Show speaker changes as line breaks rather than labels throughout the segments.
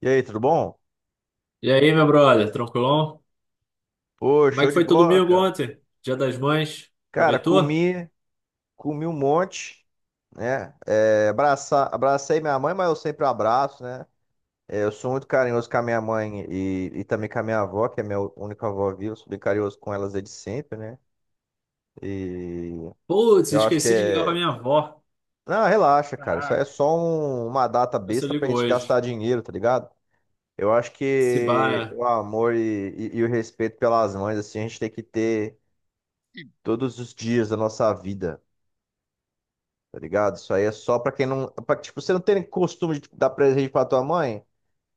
E aí, tudo bom?
E aí, meu brother, tranquilão?
Pô,
Como é
show
que
de
foi teu
bola,
domingo
cara.
ontem? Dia das Mães?
Cara,
Aproveitou?
comi um monte, né? Abracei minha mãe, mas eu sempre abraço, né? É, eu sou muito carinhoso com a minha mãe e também com a minha avó, que é minha única avó viva. Eu sou bem carinhoso com elas desde sempre, né? E
Putz,
eu acho que
esqueci de ligar pra
é.
minha avó.
Não, relaxa, cara. Isso aí é
Caraca,
só uma data
vê se eu
besta pra
ligo
gente gastar
hoje.
dinheiro, tá ligado? Eu acho
Se bar,
que
né?
o amor e o respeito pelas mães, assim, a gente tem que ter todos os dias da nossa vida. Tá ligado? Isso aí é só pra quem não. Pra, tipo, você não tem costume de dar presente pra tua mãe.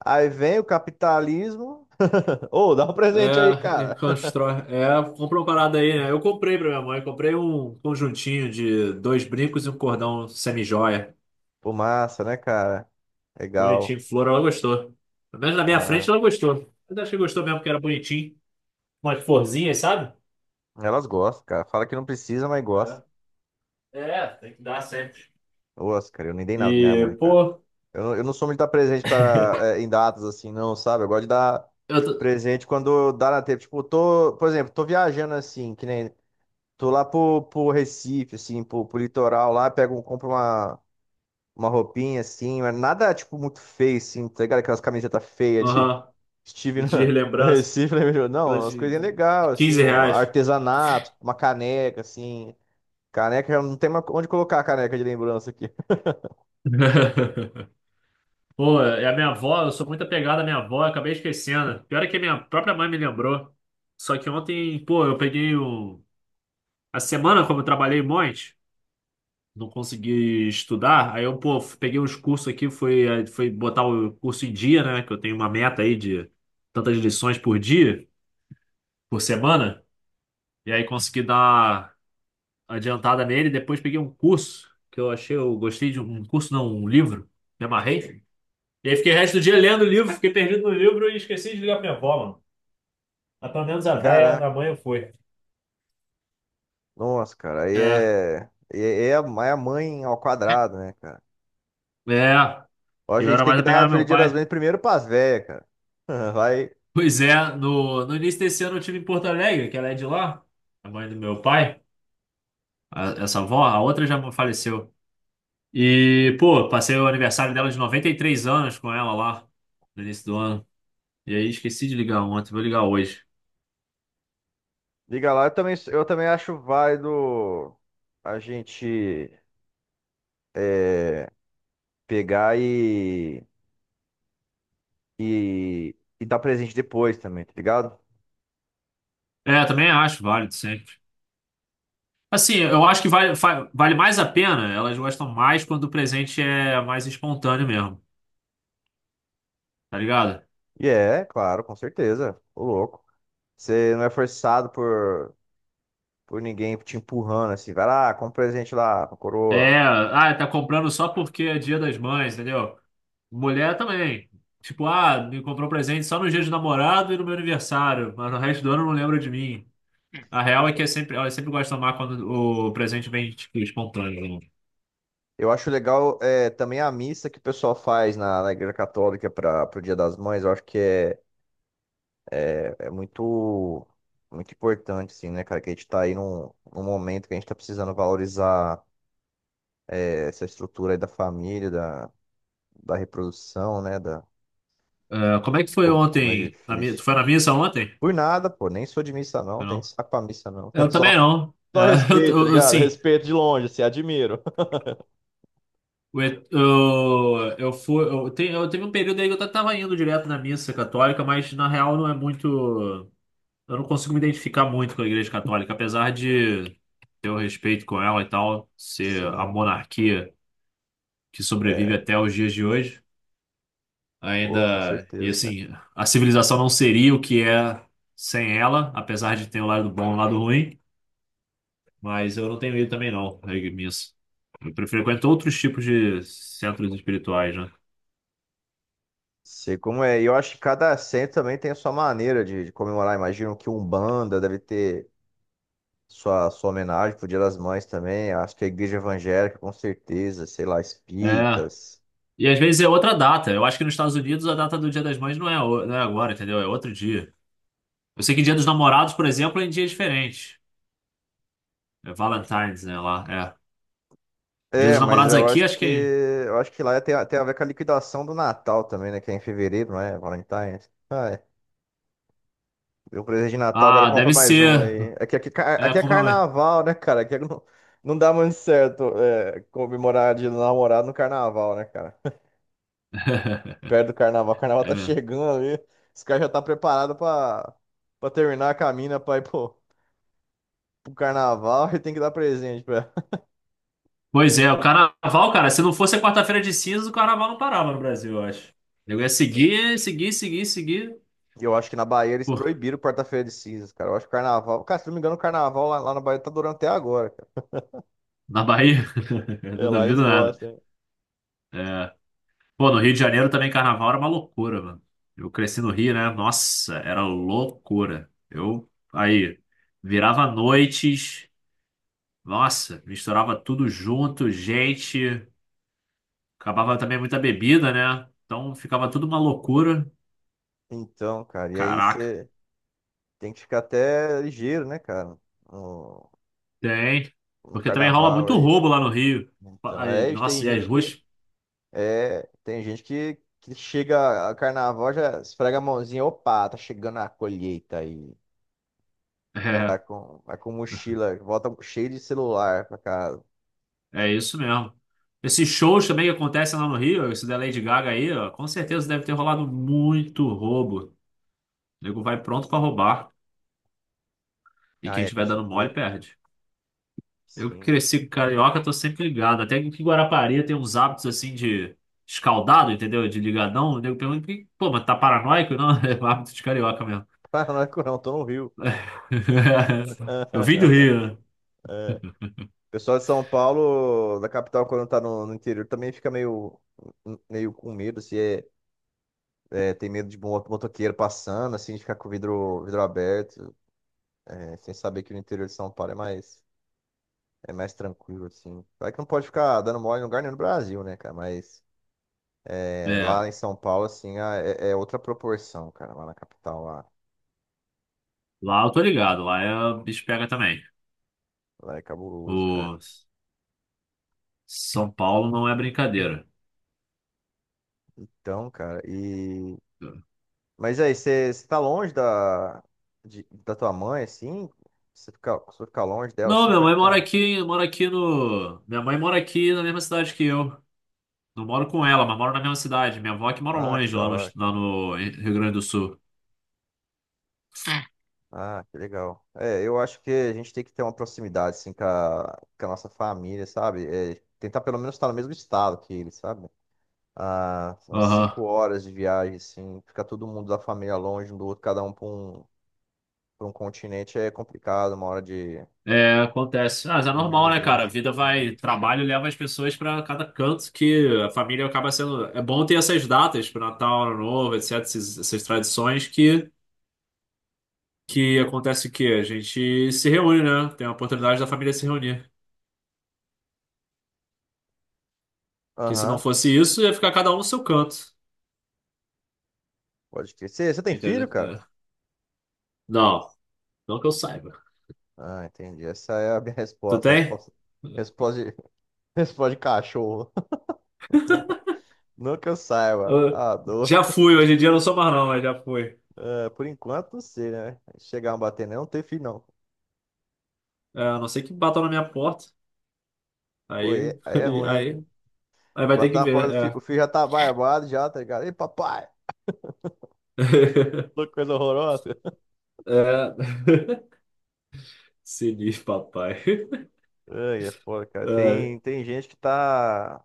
Aí vem o capitalismo. Ô, dá um presente aí,
É, e
cara.
constrói. É, comprou uma parada aí, né? Eu comprei pra minha mãe, comprei um conjuntinho de dois brincos e um cordão semi-joia.
Pô, massa, né, cara?
Bonitinho,
Legal.
flor, ela gostou. Pelo menos na minha frente
Ah,
ela gostou. Mas acho que gostou mesmo, porque era bonitinho. Umas florzinhas, sabe?
elas gostam, cara. Fala que não precisa, mas gosta.
É, é, tem que dar sempre.
Nossa, cara, eu nem dei nada pra minha
E,
mãe, cara.
pô,
Eu não sou muito de dar presente para, em datas assim, não, sabe? Eu gosto de dar
eu tô...
presente quando dá na tempo. Tipo, tô, por exemplo, tô viajando assim, que nem. Tô lá pro Recife, assim, pro litoral lá, pego, compro uma roupinha assim, mas nada tipo muito feio, assim, tá ligado? Aquelas camisetas feias de
Aham.
estive
De
no
lembrança,
Recife, né? meu? Não,
aquelas
umas
de
coisinhas legais, assim,
15
um
reais.
artesanato, uma caneca, assim. Caneca, eu não tem mais onde colocar a caneca de lembrança aqui.
Pô, é a minha avó, eu sou muito apegado à minha avó, eu acabei esquecendo. Pior é que a minha própria mãe me lembrou. Só que ontem, pô, eu peguei um... A semana, como eu trabalhei um monte, não consegui estudar, aí eu, pô, peguei uns cursos aqui, fui, aí fui botar o curso em dia, né? Que eu tenho uma meta aí de tantas lições por dia, por semana. E aí consegui dar adiantada nele. Depois peguei um curso que eu achei, eu gostei de um curso, não, um livro. Me amarrei. E aí fiquei o resto do dia lendo o livro, fiquei perdido no livro e esqueci de ligar pra minha avó, mano. Mas pelo menos a véia
Caraca,
na manhã foi.
nossa, cara, aí
É,
é. É, é a aí é a mãe ao quadrado, né, cara?
é.
Ó, a
Eu
gente
era
tem
mais
que
apegado
dar
ao
Feliz
meu
Dia das
pai.
Mães primeiro pras velhas, cara. Vai,
Pois é, no início desse ano eu tive em Porto Alegre, que ela é de lá, a mãe do meu pai, essa avó, a outra já faleceu. E, pô, passei o aniversário dela de 93 anos com ela lá, no início do ano. E aí esqueci de ligar ontem, vou ligar hoje.
liga lá. Eu também acho válido a gente é, pegar e dar presente depois também, tá ligado?
É, também acho válido sempre. Assim, eu acho que vale, vale mais a pena, elas gostam mais quando o presente é mais espontâneo mesmo, tá ligado?
E é, claro, com certeza. Ô louco. Você não é forçado por ninguém te empurrando assim, vai lá, compra um presente lá pra
É,
coroa.
ah, tá comprando só porque é Dia das Mães, entendeu? Mulher também. Tipo, ah, me comprou um presente só no dia de namorado e no meu aniversário, mas no resto do ano não lembra de mim. A real é que é sempre, elas sempre gostam mais quando o presente vem, tipo, espontâneo, né?
Eu acho legal é, também a missa que o pessoal faz na Igreja Católica para o Dia das Mães. Eu acho que é, é, muito importante, assim, né, cara? Que a gente tá aí num momento que a gente tá precisando valorizar é, essa estrutura aí da família, da reprodução, né? Da,
É, como é que
de
foi
como, como é
ontem? Tu
difícil.
foi na missa ontem?
Por nada, pô, nem sou de missa não,
Foi.
tem
Não.
saco pra missa não.
Eu também
Só,
não. É,
só
eu,
respeito, tá
eu, eu,
ligado?
sim.
Respeito de longe, assim, admiro.
Eu fui, eu teve um período aí que eu tava indo direto na missa católica, mas na real não é muito. Eu não consigo me identificar muito com a Igreja Católica, apesar de ter o respeito com ela e tal, ser a
Sim,
monarquia que sobrevive
é,
até os dias de hoje.
pô, com
Ainda. E
certeza, cara.
assim, a civilização não seria o que é sem ela, apesar de ter o lado bom e o lado ruim, mas eu não tenho ido também não, à missa. Eu frequento outros tipos de centros espirituais, né?
Sei como é. E eu acho que cada centro também tem a sua maneira de comemorar. Imagino que Umbanda deve ter sua homenagem pro Dia das Mães também. Acho que a igreja evangélica, com certeza, sei lá,
É.
espíritas.
E às vezes é outra data. Eu acho que nos Estados Unidos a data do Dia das Mães não é, não é agora, entendeu? É outro dia. Eu sei que Dia dos Namorados, por exemplo, é em dia diferente. É Valentine's, né? Lá, é. Dia
É,
dos
mas
Namorados
eu
aqui,
acho
acho
que
que.
eu acho que lá tem, tem a ver com a liquidação do Natal também, né? Que é em fevereiro, não é? Valentine's. Ah, é. Deu um presente de Natal, agora
Ah,
compra
deve
mais um
ser.
aí.
É,
Aqui é
comprometo.
carnaval, né, cara? Aqui não, não dá muito certo é, comemorar de namorado no carnaval, né, cara? Perto do carnaval, o carnaval
É
tá
mesmo.
chegando ali. Os caras já tá preparado pra terminar a caminha pra ir pro carnaval e tem que dar presente pra ela.
Pois é, o carnaval, cara, se não fosse a quarta-feira de cinzas, o carnaval não parava no Brasil, eu acho. Eu ia seguir, seguir, seguir, seguir.
E eu acho que na Bahia eles
Pô,
proibiram quarta-feira de cinzas, cara. Eu acho que o carnaval. Cara, se não me engano, o carnaval lá na Bahia tá durando até agora, cara.
na Bahia, eu
É,
não
lá eles
duvido nada.
gostam, hein?
Pô, no Rio de Janeiro também carnaval era uma loucura, mano. Eu cresci no Rio, né? Nossa, era loucura. Eu aí virava noites, nossa, misturava tudo junto, gente, acabava também muita bebida, né? Então ficava tudo uma loucura.
Então, cara, e aí
Caraca,
você tem que ficar até ligeiro, né, cara? No-
tem.
no
Porque também rola
carnaval
muito
aí.
roubo lá no Rio.
Então,
Aí,
é, isso, tem
nossa, e as
gente que
ruas?
é, tem gente que chega a carnaval já esfrega a mãozinha, opa, tá chegando a colheita aí.
É,
Vai com mochila, volta cheio de celular pra casa.
é isso mesmo. Esses shows também que acontecem lá no Rio, esse da Lady Gaga aí, ó, com certeza deve ter rolado muito roubo. O nego vai pronto pra roubar. E
Ah,
quem
é, com
tiver dando mole
certeza.
perde. Eu que
Sim.
cresci com carioca, tô sempre ligado. Até que Guarapari tem uns hábitos assim de escaldado, entendeu? De ligadão. O nego pergunta: "Pô, mas tá paranoico?" Não, é um hábito de carioca mesmo.
Paranaco não, tô no Rio.
Eu vim do Rio,
É. O pessoal de São Paulo, da capital, quando tá no interior, também fica meio, meio com medo, se é, é, tem medo de motoqueiro passando, assim, de ficar com o vidro, vidro aberto. Né, sem saber que o interior de São Paulo é mais tranquilo, assim. Claro que não pode ficar dando mole em lugar nenhum no Brasil, né, cara? Mas é,
né?
lá em
É,
São Paulo, assim, é, é outra proporção, cara, lá na capital, lá.
lá eu tô ligado, lá é o bicho pega também.
Lá é cabuloso, cara.
O São Paulo não é brincadeira.
Então, cara, e... Mas aí, você tá longe da tua mãe, assim? Você fica longe dela,
Não,
assim?
minha
Como é
mãe
que tá?
mora aqui no. Minha mãe mora aqui na mesma cidade que eu. Não moro com ela, mas moro na mesma cidade. Minha avó é que mora
Ah, que
longe,
da
lá no,
hora, cara.
lá no Rio Grande do Sul.
Ah, que legal. É, eu acho que a gente tem que ter uma proximidade, assim, com a nossa família, sabe? É, tentar pelo menos estar no mesmo estado que eles, sabe? A umas
Aham.
5 horas de viagem, assim, ficar todo mundo da família longe um do outro, cada um para um, para um continente é complicado, uma hora
É, acontece. Ah, mas é
de
normal, né, cara? A
emergência.
vida
Assim, né?
vai, trabalho leva as pessoas pra cada canto que a família acaba sendo. É bom ter essas datas, pro Natal, Ano Novo, etc., essas tradições que acontece o quê? A gente se reúne, né? Tem a oportunidade da família se reunir. Que se não
Aham,
fosse isso, ia ficar cada um no seu canto.
pode crer. Você tem filho,
Entendeu?
cara?
É. Não, não que eu saiba.
Ah, entendi. Essa é a minha
Tu
resposta.
tem?
Resposta, resposta, de, resposta de cachorro. Não que eu saiba,
Ah,
tá doido.
já fui, hoje em dia eu não sou mais não, mas já fui.
É, por enquanto, não sei, né? Chegar a bater, não, não tem filho, não.
É, a não ser que batam na minha porta.
Pô,
Aí,
é, aí é ruim, hein?
aí, aí vai ter
Bater
que
na
ver.
porta, o
É.
filho já tá barbado, já, tá ligado? Ei, papai! Que coisa horrorosa.
É. Sinistro, papai.
Ai, é foda, cara.
É,
Tem, tem gente que tá.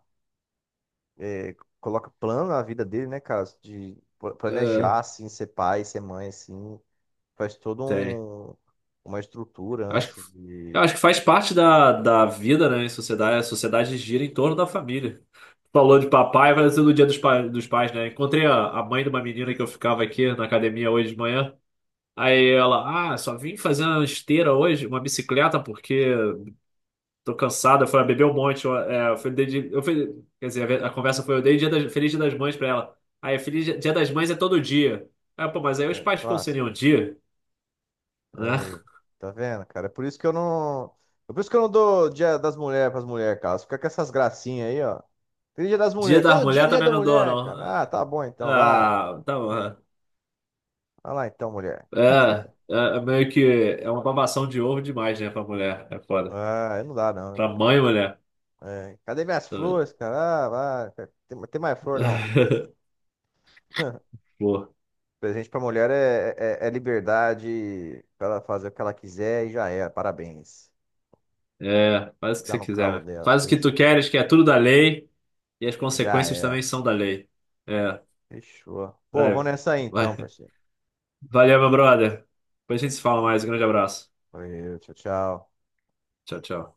é, coloca plano na vida dele, né, cara? De
é,
planejar, assim, ser pai, ser mãe, assim. Faz toda
tem.
um, uma estrutura
Eu Acho que,
antes
eu
de.
acho que faz parte da vida, né, em sociedade. A sociedade gira em torno da família. Falou de papai, vai ser no dia dos pais, né? Encontrei a mãe de uma menina que eu ficava aqui na academia hoje de manhã. Aí ela, ah, só vim fazer uma esteira hoje, uma bicicleta, porque tô cansado, foi beber um monte. Eu fui, quer dizer, a, conversa foi: eu dei Feliz Dia das Mães pra ela. Aí, Feliz Dia das Mães é todo dia. Aí, pô, mas aí os
É,
pais ficam sem nenhum
clássica.
dia, né?
Aí, tá vendo, cara? É por isso que eu não. É por isso que eu não dou dia das mulheres pras mulheres, cara. Fica com essas gracinhas aí, ó. Tem dia das
Dia
mulheres.
das
Todo dia é
Mulheres
dia
também
da
não dou,
mulher,
não.
cara. Ah, tá bom então, vai.
Ah, tá bom.
Vai lá então, mulher.
É, é, é meio que é uma babação de ovo demais, né, pra mulher. É foda.
Ah, aí não dá, não.
Pra mãe, mulher.
É, cadê minhas
Tá vendo?
flores, cara? Ah, vai, tem, tem mais flor, não.
Pô,
Presente pra mulher é, é, é liberdade pra ela fazer o que ela quiser e já é. Parabéns.
é, faz o que
Dá
você
no
quiser,
calo
meu filho.
dela.
Faz o
Tá
que
isso
tu
aí.
queres, que é tudo da lei, e as
Já
consequências
é.
também são da lei. É,
Fechou. Pô, vou
vai,
nessa aí então,
vai.
parceiro.
Valeu, meu brother. Depois a gente se fala mais. Um grande abraço.
Valeu, tchau, tchau.
Tchau, tchau.